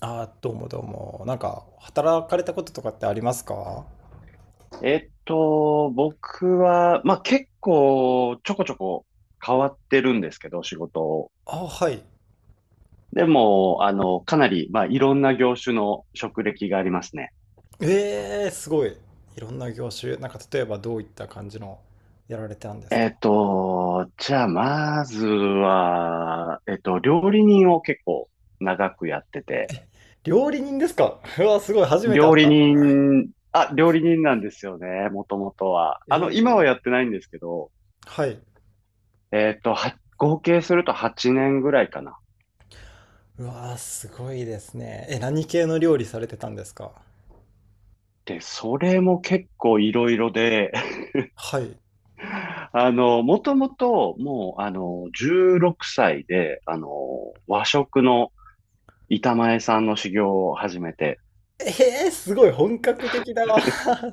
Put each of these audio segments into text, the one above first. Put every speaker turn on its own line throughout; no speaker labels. あー、どうもどうも。働かれたこととかってありますか？
僕は、まあ、結構ちょこちょこ変わってるんですけど、仕事を。
あ、はい。
でも、かなり、まあ、いろんな業種の職歴がありますね。
えー、すごい。いろんな業種。例えばどういった感じのやられてたんです
え
か？
っと、じゃあ、まずは、えっと、料理人を結構長くやってて、
料理人ですか？うわ、すごい。初めて会った。
料理人なんですよね、もともとは。
え
今は
ー、
やってないんですけど、
はい。
合計すると8年ぐらいかな。
うわー、すごいですね。え、何系の料理されてたんですか？
で、それも結構いろいろで、
はい。
あの、もともと、もう、あの、16歳で、和食の板前さんの修行を始めて、
えー、すごい。本格的だわ。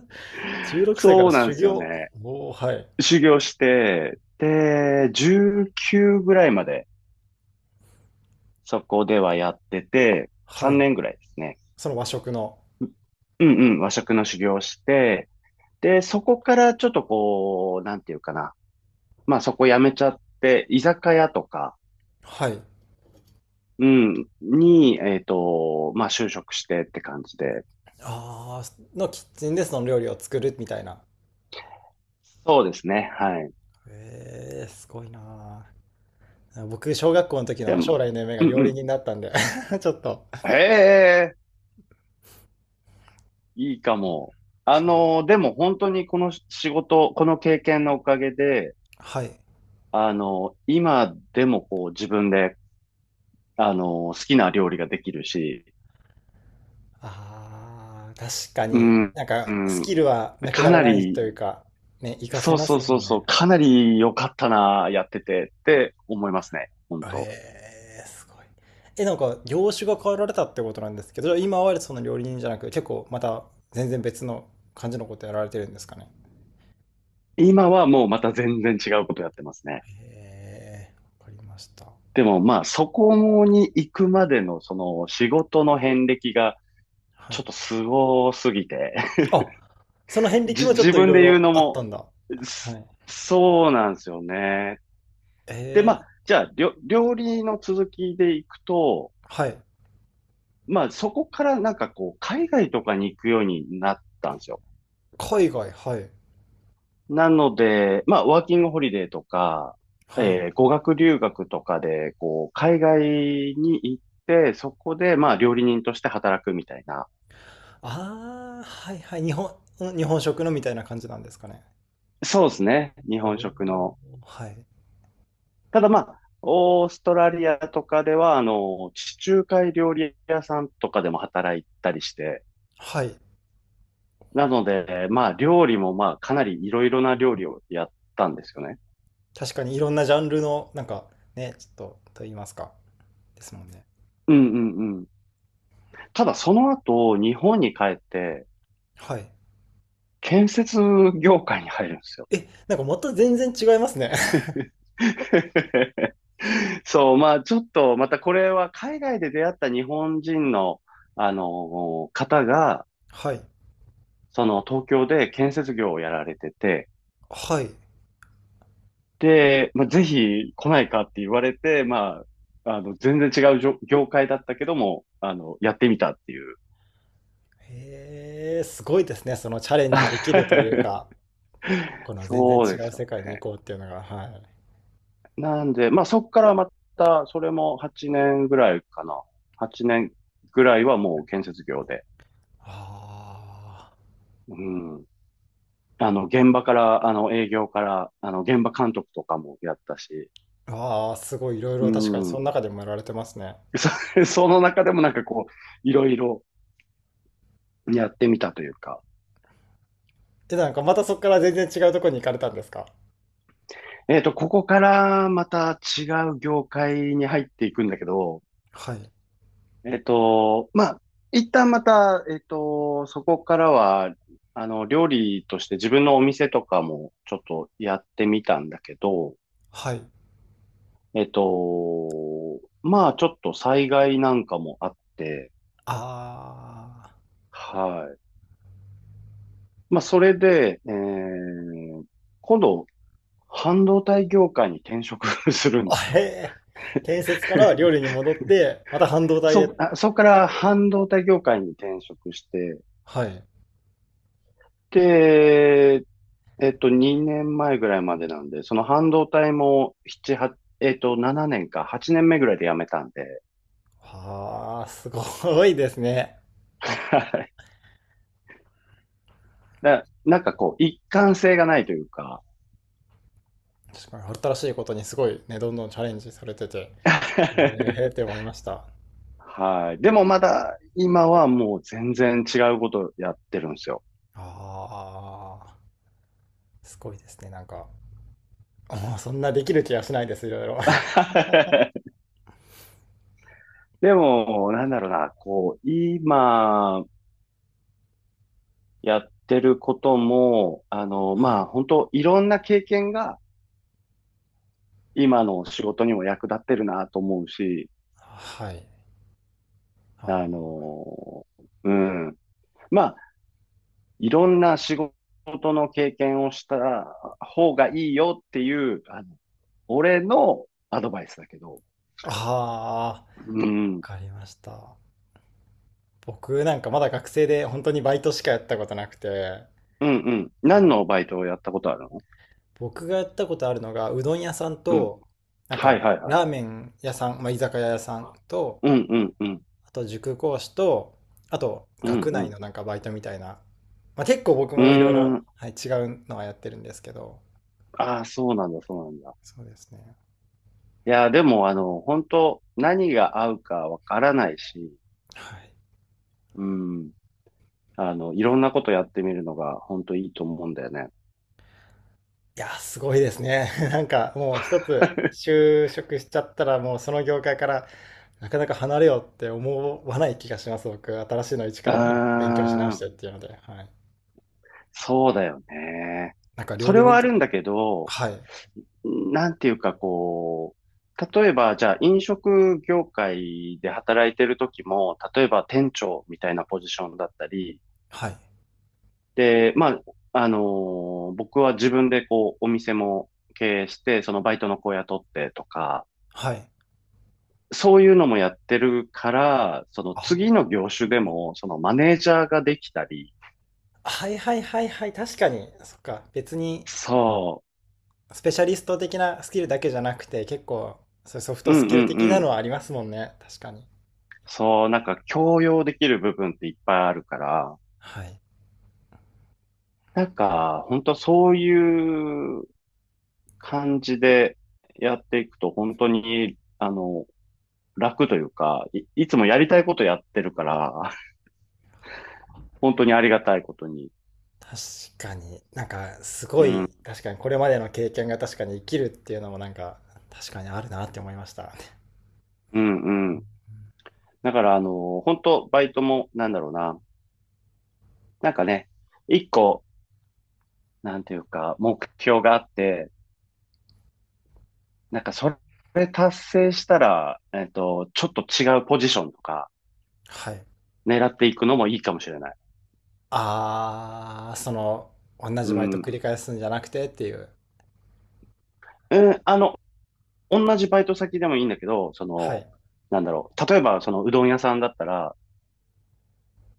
16歳か
そ
ら
うなん
修
ですよ
行。
ね。
おー、はい。
修行して、で、19ぐらいまで、そこではやってて、
は
3
い。
年ぐらいですね。
その和食の。
うんうん、和食の修行をして、で、そこからちょっとこう、なんていうかな。まあ、そこ辞めちゃって、居酒屋とか、
はい。
うん、に、まあ、就職してって感じで、
ああ、のキッチンでその料理を作るみたいな。
そうですね。はい。
ええ、すごいなあ。僕、小学校の時
で
の
も、
将来の夢が
うんう
料理
ん。
人だったんで ちょっと。
へえ、いいかも。でも本当にこの仕事、この経験のおかげで、
はい。
今でもこう自分で、あの、好きな料理ができるし、
ああ、確か
う
に。
ん、う
ス
ん、
キルはなく
か
なら
な
ないと
り、
いうか、ね、活かせ
そう
ま
そ
す
う
も
そう
ん
そ
ね。
う、かなり良かったな、やっててって思いますね。本当。
ええ、すごい。え、業種が変わられたってことなんですけど、今はその料理人じゃなく、結構また全然別の感じのことやられてるんですかね。
今はもうまた全然違うことやってますね。
ええ、わかりました。
でもまあ、そこに行くまでのその仕事の遍歴が、
は
ちょっ
い。
とすごすぎて、
あ、その遍歴もちょっ
自
とい
分
ろい
で言う
ろ
の
あったん
も、
だ。は
す
い。
そうなんですよね。
え
で、ま
ー、
あ、じゃあ、料理の続きでいくと、
はい。
まあ、そこからなんかこう、海外とかに行くようになったんですよ。
海外、はい。
なので、まあ、ワーキングホリデーとか、
はい。
語学留学とかで、こう、海外に行って、そこで、まあ、料理人として働くみたいな。
ああ、はいはい。日本、日本食のみたいな感じなんですかね。
そうですね。日
お
本食
ー、
の。
はい。
ただまあ、オーストラリアとかでは、地中海料理屋さんとかでも働いたりして、
はい。
なので、まあ、料理もまあ、かなりいろいろな料理をやったんですよね。
確かにいろんなジャンルの、なんかね、ちょっと、と言いますか。ですもんね。
うんうんうん。ただ、その後、日本に帰って、
はい。
建設業界に入るんですよ。
え、なんかまた全然違いますね。
そう、まあ、ちょっと、またこれは海外で出会った日本人の、方が、
はい。
その東京で建設業をやられてて、
はい。
で、まあ、ぜひ来ないかって言われて、まあ、全然違う業界だったけども、やってみたっていう。
へえ、すごいですね。そのチャレンジできるというか、この全然
そ
違
うで
う
すよ
世界に行こうっていうのが、はい。
ね。なんで、まあ、そっからまた、それも8年ぐらいかな。8年ぐらいはもう建設業で。
あ
うん。現場から、営業から、現場監督とかもやったし、
ーあー、すごいいろい
う
ろ確かにその
ん。
中でもやられてますね。
そ、その中でもなんかこう、いろいろやってみたというか、
で、なんかまたそこから全然違うところに行かれたんですか？
ここからまた違う業界に入っていくんだけど、
はい。
まあ、一旦また、そこからは、料理として自分のお店とかもちょっとやってみたんだけど、
はい。
まあ、ちょっと災害なんかもあって、
あ
はい。まあ、それで、今度、半導体業界に転職 するん
あ。あ、
です
へ
よ。
え。建設から料 理に戻って、また半導体へ。
そこから半導体業界に転職して、
はい。
で、2年前ぐらいまでなんで、その半導体も7、8、7年か、8年目ぐらいで辞めたんで、
ああ、すごいですね。
はい。なんかこう、一貫性がないというか、
確かに新しいことにすごいね、どんどんチャレンジされてて、ええっ て思いました。
はい。でもまだ、今はもう全然違うことやってるんですよ。
ああ、すごいですね、なんか。もうそんなできる気がしないです、いろいろ。
でも、なんだろうな、こう、今やってることも、
は
ま
い。
あ、本当いろんな経験が、今の仕事にも役立ってるなと思うし、
はい。
あ
ああ。
の、うん。まあ、いろんな仕事の経験をした方がいいよっていう、俺のアドバイスだけど、
ああ、わ
うん、うん、
かりました。僕なんかまだ学生で本当にバイトしかやったことなくて、
うん。
そ
何
う、
のバイトをやったことあるの？
僕がやったことあるのがうどん屋さん
うん。
と、なん
はい
か
はいはい。
ラーメン屋さん、まあ、居酒屋屋さんと、
うん、うん、うん、
あと塾講師と、あと
うん、
学
う
内
ん。
のなんかバイトみたいな、まあ、結構僕
うー
もいろいろ、
ん。
はい、違うのはやってるんですけど、
ああ、そうなんだ、そうなんだ。
そうですね。
いや、でも、本当何が合うかわからないし、
はい。
うん。いろんなことやってみるのが本当いいと思うんだよね。
いやすごいですね。なんかもう一つ 就職しちゃったらもうその業界からなかなか離れようって思わない気がします、僕。新しいの一
う
か
ー
ら勉強し直し
ん、
てっていうので、はい。
そうだよね。
なんか料
それ
理
は
人
あ
と
る
か、
んだけど、
はい、
なんていうかこう、例えば、じゃあ飲食業界で働いてる時も、例えば店長みたいなポジションだったり、
はい、
で、まあ、あの僕は自分でこう、お店も経営して、そのバイトの子雇ってとか、
はい。
そういうのもやってるから、その次の業
あ
種でも、そのマネージャーができたり、
あ、はいはいはいはい、確かに、そっか、別に
そ
スペシャリスト的なスキルだけじゃなくて、結構、そういうソフ
う、
ト
うんう
ス
ん
キル
う
的なの
ん。
はありますもんね、確かに。
そう、なんか強要できる部分っていっぱいあるから、
はい。
なんか、本当そういう感じでやっていくと、本当に、楽というか、いつもやりたいことやってるから、本当にありがたいことに。
確かに、なんか、す
う
ご
ん、
い、確かにこれまでの経験が確かに生きるっていうのもなんか、確かにあるなって思いました。
うん、うん。だから、本当バイトも、なんだろうな。なんかね、一個なんていうか、目標があって、なんかそれ達成したら、ちょっと違うポジションとか
はい。
狙っていくのもいいかもしれない。
ああ、その、同じ
う
バイト
ん。
繰り返すんじゃなくてっていう。
うん、同じバイト先でもいいんだけど、そ
は
の、
い。
なんだろう。例えば、そのうどん屋さんだったら、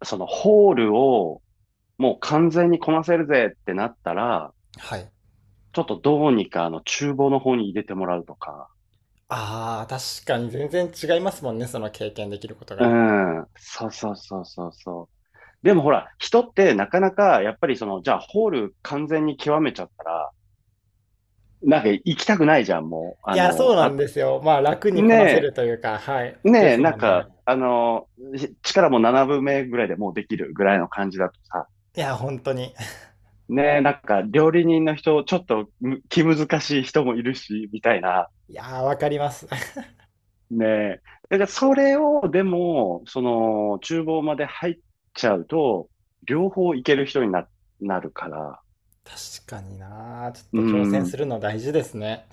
そのホールをもう完全にこなせるぜってなったら、
はい。
ちょっとどうにかあの厨房の方に入れてもらうとか。
ああ、確かに全然違いますもんね、その経験できること
う
が。
ん。そうそうそうそうそう。でもほら、人ってなかなか、やっぱりその、じゃあホール完全に極めちゃったら、なんか行きたくないじゃん、もう。
いや、そうなんですよ。まあ、楽にこなせ
ね
るというか、はい。
え、
で
ねえ、
す
なん
もんね。
か、し力も7分目ぐらいでもうできるぐらいの感じだとさ、
いや、本当に。
ねえ、なんか料理人の人、ちょっと気難しい人もいるし、みたいな。
いやー、わかります。
ねえ。だからそれを、でも、その、厨房まで入っちゃうと、両方いける人になるから。
確かになー。ち
う
ょっと挑戦す
ん。
るの大事ですね。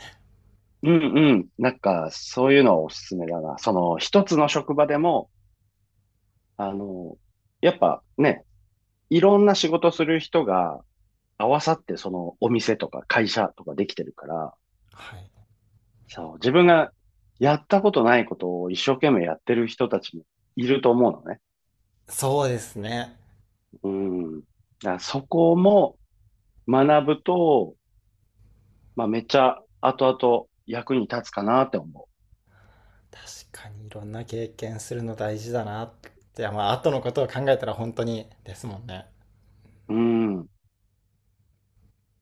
うんうん。なんか、そういうのはおすすめだな。その、一つの職場でも、あの、やっぱね、いろんな仕事する人が合わさって、その、お店とか会社とかできてるから、
はい。
そう、自分がやったことないことを一生懸命やってる人たちもいると思うのね。
そうですね。
うん。だからそこも学ぶと、まあ、めっちゃ後々役に立つかなって思
確かにいろんな経験するの大事だなって。や、まあ、後のことを考えたら本当にですもんね。
う。うん。